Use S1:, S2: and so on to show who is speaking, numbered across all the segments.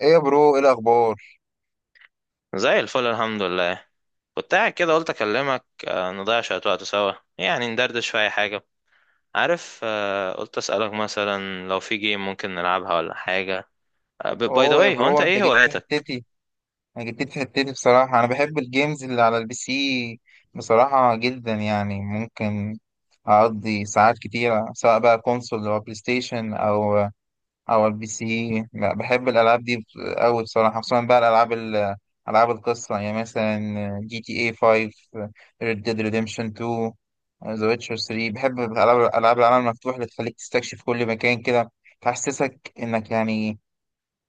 S1: ايه يا برو، ايه الاخبار؟
S2: زي الفل الحمد لله. كنت قاعد كده قلت اكلمك نضيع شوية وقت سوا يعني ندردش في اي حاجة. عارف. قلت اسألك مثلا لو في جيم ممكن نلعبها ولا حاجة. باي ذا
S1: اوه يا
S2: واي، هو انت
S1: برو، انت
S2: ايه
S1: جيت في
S2: هواياتك؟
S1: حتتي. انا جيت في حتتي بصراحه. انا بحب الجيمز اللي على البي سي بصراحه جدا، يعني ممكن اقضي ساعات كتيره سواء بقى كونسول او بلاي ستيشن او البي سي. لا، بحب الالعاب دي قوي بصراحه، خصوصا بقى العاب القصه، يعني مثلا جي تي اي 5، ريد ديد ريديمشن 2، ذا ويتشر 3. بحب العاب العالم المفتوح اللي تخليك تستكشف كل مكان كده، تحسسك انك يعني،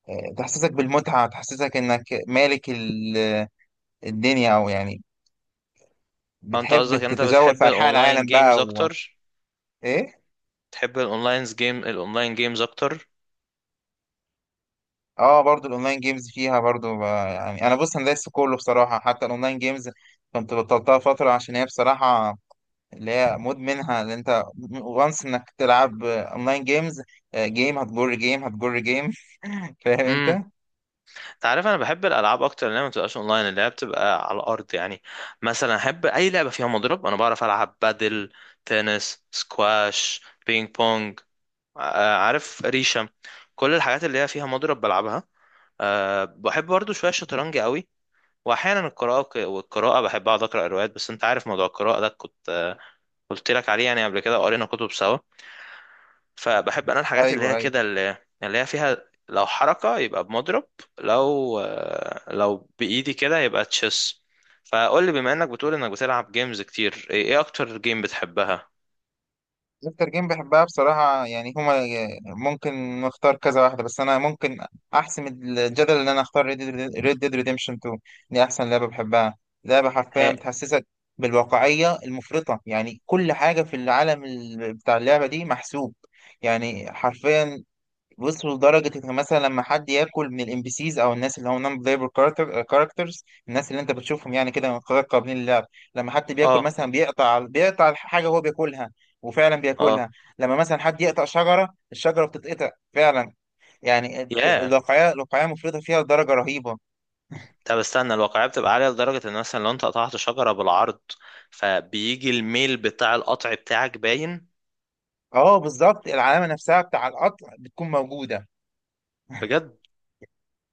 S1: تحسسك بالمتعة، تحسسك إنك مالك الدنيا، أو يعني
S2: هو انت
S1: بتحب
S2: قصدك ان انت
S1: تتجول
S2: بتحب
S1: في أنحاء
S2: الاونلاين
S1: العالم بقى
S2: جيمز
S1: و...
S2: اكتر؟
S1: إيه؟
S2: بتحب الاونلاين جيمز اكتر؟
S1: آه، برضو الأونلاين جيمز فيها برضو، يعني أنا بص أنا دايس في كله بصراحة، حتى الأونلاين جيمز كنت بطلتها فترة، عشان هي بصراحة اللي هي مدمنها اللي أنت وانس إنك تلعب أونلاين جيمز. جيم هتجر جيم هتجر جيم. فاهم أنت؟
S2: امم انت عارف انا بحب الالعاب اكتر اللي هي ما بتبقاش اونلاين، اللي هي بتبقى على الارض. يعني مثلا احب اي لعبة فيها مضرب. انا بعرف العب بادل، تنس، سكواش، بينج بونج، عارف، ريشة. كل الحاجات اللي هي فيها مضرب بلعبها. بحب برضو شوية الشطرنج قوي. وأحيانا القراءة، والقراءة بحب أقعد أقرأ روايات. بس أنت عارف موضوع القراءة ده كنت قلت لك عليه يعني قبل كده، وقرينا كتب سوا. فبحب أنا الحاجات اللي
S1: أيوه،
S2: هي
S1: أيوه.
S2: كده اللي هي فيها. لو حركة يبقى بمضرب. لو بإيدي كده يبقى تشيس. فقول لي بما إنك بتقول إنك بتلعب جيمز كتير، إيه أكتر جيم بتحبها؟
S1: اكتر جيم بحبها بصراحة، يعني هما ممكن نختار كذا واحدة، بس انا ممكن احسم الجدل ان انا اختار ريد ديد ريديمشن 2. دي احسن لعبة بحبها. لعبة حرفيا
S2: هي-
S1: بتحسسك بالواقعية المفرطة، يعني كل حاجة في العالم بتاع اللعبة دي محسوب، يعني حرفيا. بص، لدرجة إن مثلا لما حد ياكل من الام بي سيز أو الناس اللي هم نون بلايبل كاركترز، الناس اللي أنت بتشوفهم يعني كده من قبل قابلين للعب، لما حد بياكل
S2: اه،
S1: مثلا بيقطع الحاجة هو بياكلها، وفعلا
S2: اه.
S1: بياكلها. لما مثلا حد يقطع شجرة، الشجرة بتتقطع فعلا. يعني
S2: ياه.
S1: الواقعية مفرطة فيها لدرجة رهيبة.
S2: طب استنى، الواقعية بتبقى عالية لدرجة ان مثلا لو انت قطعت شجرة بالعرض فبيجي الميل بتاع القطع بتاعك باين.
S1: أه، بالظبط العلامة نفسها بتاع القطع بتكون موجودة.
S2: بجد؟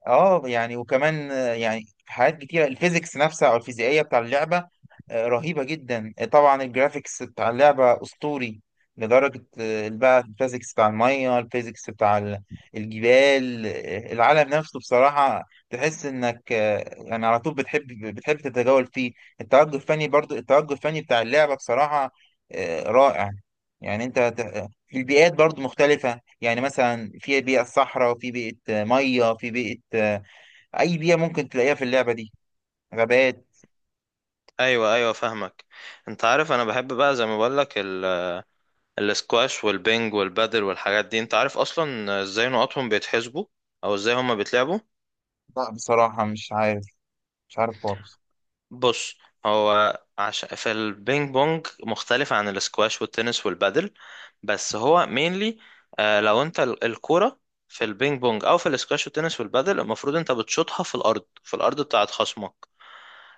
S1: اه يعني، وكمان يعني حاجات كتيرة، الفيزيكس نفسها او الفيزيائية بتاع اللعبة رهيبة جدا. طبعا الجرافيكس بتاع اللعبة اسطوري لدرجة، بقى الفيزيكس بتاع المية، الفيزيكس بتاع الجبال، العالم نفسه بصراحة تحس انك يعني على طول بتحب تتجول فيه. التوجه الفني برضو، التوجه الفني بتاع اللعبة بصراحة رائع. يعني انت في البيئات برضو مختلفة، يعني مثلا في بيئة صحراء، وفي بيئة مية، في بيئة أي بيئة ممكن تلاقيها في اللعبة دي، غابات.
S2: ايوه، ايوه، فاهمك. انت عارف انا بحب بقى زي ما بقول لك الاسكواش والبنج والبادل والحاجات دي. انت عارف اصلا ازاي نقطهم بيتحسبوا او ازاي هما بيتلعبوا؟
S1: لا بصراحة مش عارف. مش عارف خالص.
S2: بص. هو عشان في البينج بونج مختلف عن الاسكواش والتنس والبادل، بس هو مينلي لو انت الكرة في البينج بونج او في الاسكواش والتنس والبادل المفروض انت بتشوطها في الارض، في الارض بتاعت خصمك.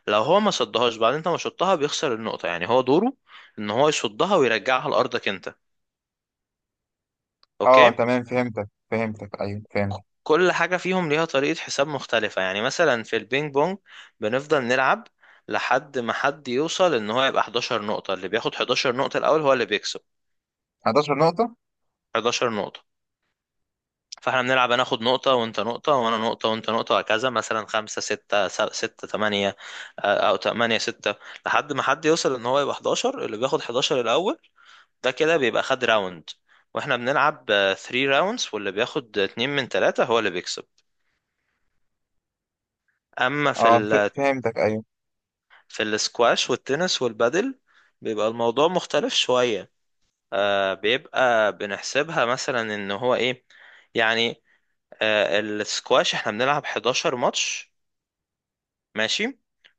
S2: لو هو ما صدهاش بعد انت ما شوطها بيخسر النقطة. يعني هو دوره ان هو يصدها ويرجعها لارضك انت.
S1: اه
S2: اوكي.
S1: تمام، فهمتك، فهمتك، أيوه فهمت.
S2: كل حاجة فيهم ليها طريقة حساب مختلفة. يعني مثلا في البينج بونج بنفضل نلعب لحد ما حد يوصل ان هو يبقى 11 نقطة. اللي بياخد 11 نقطة الاول هو اللي بيكسب.
S1: 11 نقطة.
S2: 11 نقطة. فاحنا بنلعب، انا اخد نقطة وانت نقطة وانا نقطة وانت نقطة وهكذا، مثلا خمسة ستة، ستة تمانية، او تمانية ستة. لحد ما حد يوصل ان هو يبقى 11، اللي بياخد 11 الاول. ده كده بيبقى خد راوند. واحنا بنلعب 3 راوندز، واللي بياخد اتنين من تلاتة هو اللي بيكسب. اما
S1: اه، فهمتك، أيوه.
S2: في السكواش والتنس والبادل بيبقى الموضوع مختلف شوية. بيبقى بنحسبها مثلا ان هو ايه يعني. السكواش احنا بنلعب 11 ماتش. ماشي.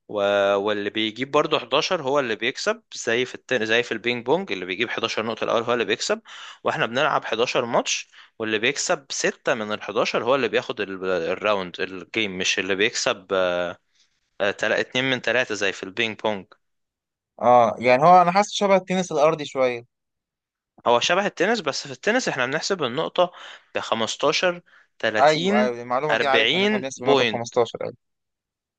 S2: و... واللي بيجيب برضه 11 هو اللي بيكسب، زي في البينج بونج. اللي بيجيب 11 نقطة الأول هو اللي بيكسب. واحنا بنلعب 11 ماتش واللي بيكسب 6 من ال 11 هو اللي بياخد الراوند الجيم، مش اللي بيكسب. اتنين من تلاتة زي في البينج بونج.
S1: اه يعني هو أنا حاسس شبه التنس الأرضي شوية.
S2: هو شبه التنس، بس في التنس احنا بنحسب النقطة ب 15،
S1: أيوه،
S2: 30،
S1: أيوه، المعلومة دي عارفها، إن إحنا
S2: 40
S1: بنحسب نقطة ب
S2: بوينت.
S1: 15، أيوه.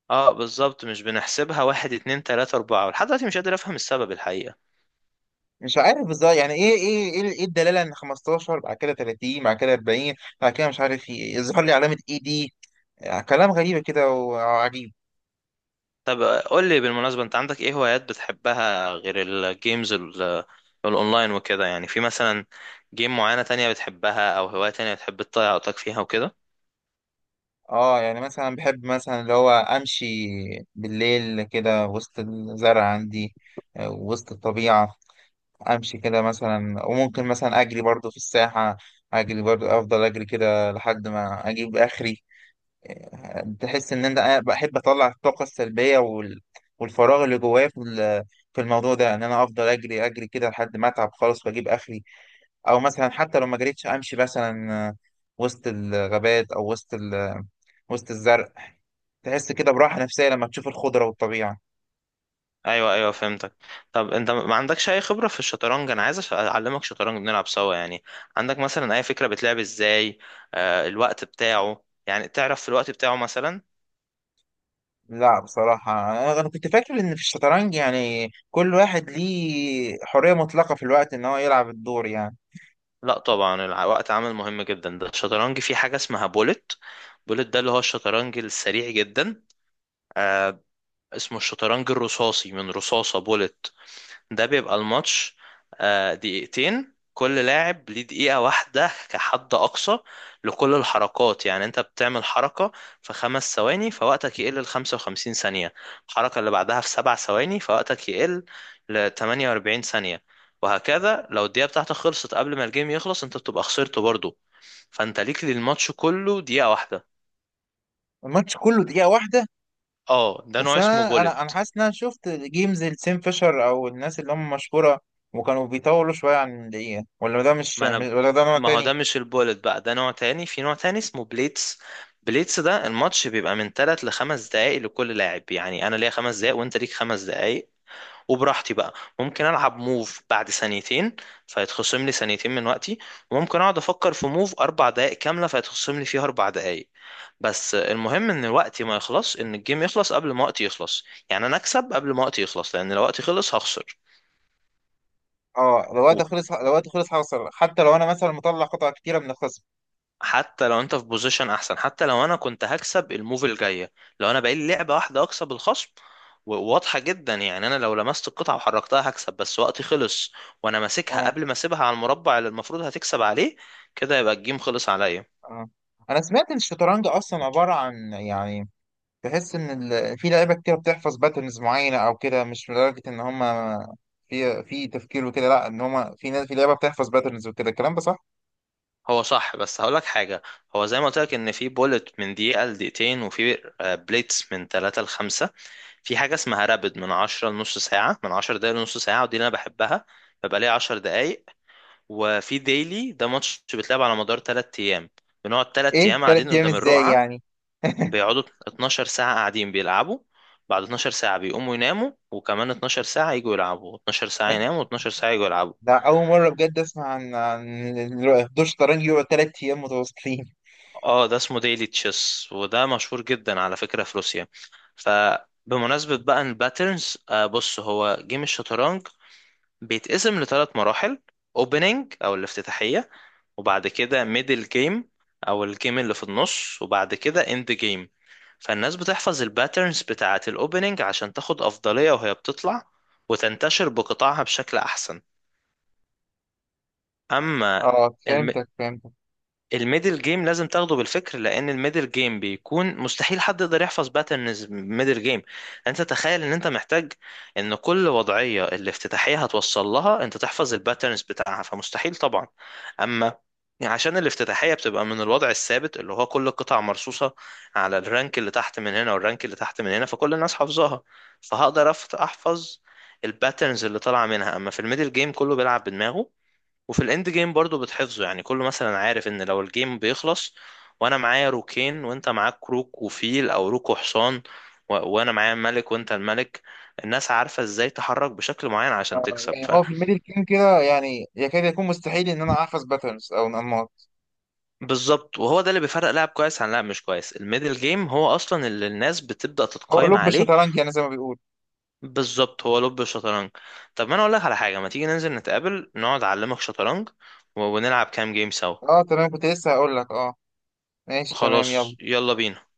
S2: اه، بالظبط، مش بنحسبها واحد اتنين تلاتة أربعة. لحد دلوقتي مش قادر أفهم السبب الحقيقة.
S1: مش عارف بالظبط يعني إيه إيه إيه إيه الدلالة، إن 15 بعد كده 30 بعد كده 40 بعد كده مش عارف إيه، يظهر لي علامة إي دي. كلام غريب كده وعجيب.
S2: طب، قول لي بالمناسبة، أنت عندك إيه هوايات بتحبها غير الجيمز الأونلاين وكده؟ يعني في مثلا جيم معينة تانية بتحبها أو هواية تانية بتحب تضيع وقتك فيها وكده؟
S1: اه يعني مثلا بحب مثلا اللي هو امشي بالليل كده وسط الزرع عندي، وسط الطبيعة. امشي كده مثلا، وممكن مثلا اجري برضو في الساحة. اجري برضو، افضل اجري كده لحد ما اجيب اخري. تحس ان انا بحب اطلع الطاقة السلبية والفراغ اللي جوايا في في الموضوع ده، ان انا افضل اجري اجري كده لحد ما اتعب خالص واجيب اخري. او مثلا حتى لو ما جريتش، امشي مثلا وسط الغابات او وسط وسط الزرع، تحس كده براحة نفسية لما تشوف الخضرة والطبيعة.
S2: ايوه، ايوه، فهمتك. طب انت ما عندكش اي خبره في الشطرنج؟ انا عايز اعلمك شطرنج نلعب سوا يعني. عندك مثلا اي فكره بتلعب ازاي؟ الوقت بتاعه، يعني تعرف في الوقت بتاعه مثلا؟
S1: لا بصراحة، أنا كنت فاكر إن في الشطرنج يعني كل واحد ليه حرية مطلقة في الوقت، إن هو يلعب الدور يعني.
S2: لا، طبعا الوقت عامل مهم جدا. ده الشطرنج فيه حاجه اسمها بولت. بولت ده اللي هو الشطرنج السريع جدا. آه اسمه الشطرنج الرصاصي، من رصاصه بولت. ده بيبقى الماتش دقيقتين. كل لاعب ليه دقيقة واحدة كحد أقصى لكل الحركات. يعني أنت بتعمل حركة في خمس ثواني فوقتك يقل لخمسة وخمسين ثانية. الحركة اللي بعدها في سبع ثواني فوقتك يقل لتمانية وأربعين ثانية. وهكذا. لو الدقيقة بتاعتك خلصت قبل ما الجيم يخلص أنت بتبقى خسرته برضه. فأنت ليك للماتش كله دقيقة واحدة.
S1: الماتش كله دقيقة واحدة؟
S2: اه، ده
S1: بس
S2: نوع اسمه
S1: أنا
S2: بوليت.
S1: حاسس إن أنا شفت جيمز لسيم فيشر أو الناس اللي هم مشهورة وكانوا بيطولوا شوية عن دقيقة، ولا ده مش،
S2: ما انا
S1: ولا ده نوع
S2: ما هو
S1: تاني؟
S2: ده مش البولت بقى، ده نوع تاني. في نوع تاني اسمه بليتس. بليتس ده الماتش بيبقى من 3 لخمس دقايق لكل لاعب. يعني انا ليا خمس دقايق وانت ليك خمس دقايق. وبراحتي بقى ممكن العب موف بعد ثانيتين فيتخصم لي ثانيتين من وقتي. وممكن اقعد افكر في موف اربع دقايق كامله فيتخصم لي فيها اربع دقايق. بس المهم ان وقتي ما يخلص، ان الجيم يخلص قبل ما وقتي يخلص. يعني انا اكسب قبل ما وقتي يخلص، لان لو وقتي خلص هخسر.
S1: اه، لو وقت خلص حصل حتى لو أنا مثلا مطلع قطع كتيرة من الخصم.
S2: حتى لو انت في بوزيشن احسن. حتى لو انا كنت هكسب الموف الجايه، لو انا بقالي لعبه واحده اكسب الخصم واضحه جدا. يعني انا لو لمست القطعه وحركتها هكسب، بس وقتي خلص وانا ماسكها
S1: اه.
S2: قبل ما اسيبها على المربع اللي المفروض هتكسب عليه. كده يبقى الجيم خلص عليا.
S1: اه أنا سمعت إن الشطرنج أصلا عبارة عن، يعني تحس ان في لعيبه كتير بتحفظ باترنز معينه او كده، مش لدرجه ان هم في تفكير وكده، لا ان هم في ناس في لعيبه بتحفظ باترنز وكده، الكلام ده صح؟
S2: هو صح، بس هقولك حاجه. هو زي ما قلت لك ان في بولت من دقيقه لدقيقتين، وفي بليتس من 3 ل 5. في حاجه اسمها رابد من 10 لنص ساعه، من 10 دقايق لنص ساعه، ودي اللي انا بحبها. ببقى ليا 10 دقايق. وفي ديلي، ده ماتش بيتلعب على مدار 3 ايام. بنقعد 3
S1: ايه،
S2: ايام قاعدين
S1: 3 ايام
S2: قدام
S1: ازاي
S2: الرقعة.
S1: يعني؟
S2: بيقعدوا 12 ساعة قاعدين بيلعبوا. بعد 12 ساعة بيقوموا يناموا، وكمان 12 ساعة يجوا يلعبوا، 12 ساعة يناموا و12 ساعة يجوا يلعبوا.
S1: ده اول مره بجد اسمع عن دور شطرنج يقعد 3 ايام متواصلين.
S2: اه، ده اسمه ديلي تشيس، وده مشهور جدا على فكرة في روسيا. فبمناسبة بقى الباترنز، بص، هو جيم الشطرنج بيتقسم لثلاث مراحل. اوبننج او الافتتاحية، وبعد كده ميدل جيم او الجيم اللي في النص، وبعد كده اند جيم. فالناس بتحفظ الباترنز بتاعة الاوبننج عشان تاخد افضلية وهي بتطلع وتنتشر بقطاعها بشكل احسن. اما
S1: اه، فهمتك، فهمتك.
S2: الميدل جيم لازم تاخده بالفكر، لان الميدل جيم بيكون مستحيل حد يقدر يحفظ باترنز ميدل جيم. انت تخيل ان انت محتاج ان كل وضعية الافتتاحية هتوصل لها انت تحفظ الباترنز بتاعها، فمستحيل طبعا. اما، يعني عشان الافتتاحية بتبقى من الوضع الثابت اللي هو كل القطع مرصوصة على الرانك اللي تحت من هنا والرانك اللي تحت من هنا، فكل الناس حافظاها. فهقدر احفظ الباترنز اللي طالعة منها. اما في الميدل جيم كله بيلعب بدماغه. وفي الاند جيم برضو بتحفظه. يعني كله مثلا عارف ان لو الجيم بيخلص وانا معايا روكين وانت معاك روك وفيل او روك وحصان وانا معايا ملك وانت الملك، الناس عارفة ازاي تحرك بشكل معين عشان تكسب.
S1: يعني
S2: ف
S1: هو في الميدل جيم كده، يعني يكاد يكون مستحيل ان انا احفظ باترنز او انماط.
S2: بالظبط، وهو ده اللي بيفرق لاعب كويس عن لاعب مش كويس. الميدل جيم هو اصلا اللي الناس بتبدأ
S1: هو
S2: تتقايم
S1: لب
S2: عليه.
S1: الشطرنج يعني زي ما بيقول.
S2: بالظبط، هو لب الشطرنج. طب ما انا اقول لك على حاجة، ما تيجي ننزل نتقابل نقعد اعلمك شطرنج ونلعب كام جيم سوا؟
S1: اه تمام، كنت لسه هقول لك اه، ماشي تمام
S2: خلاص،
S1: يلا.
S2: يلا بينا.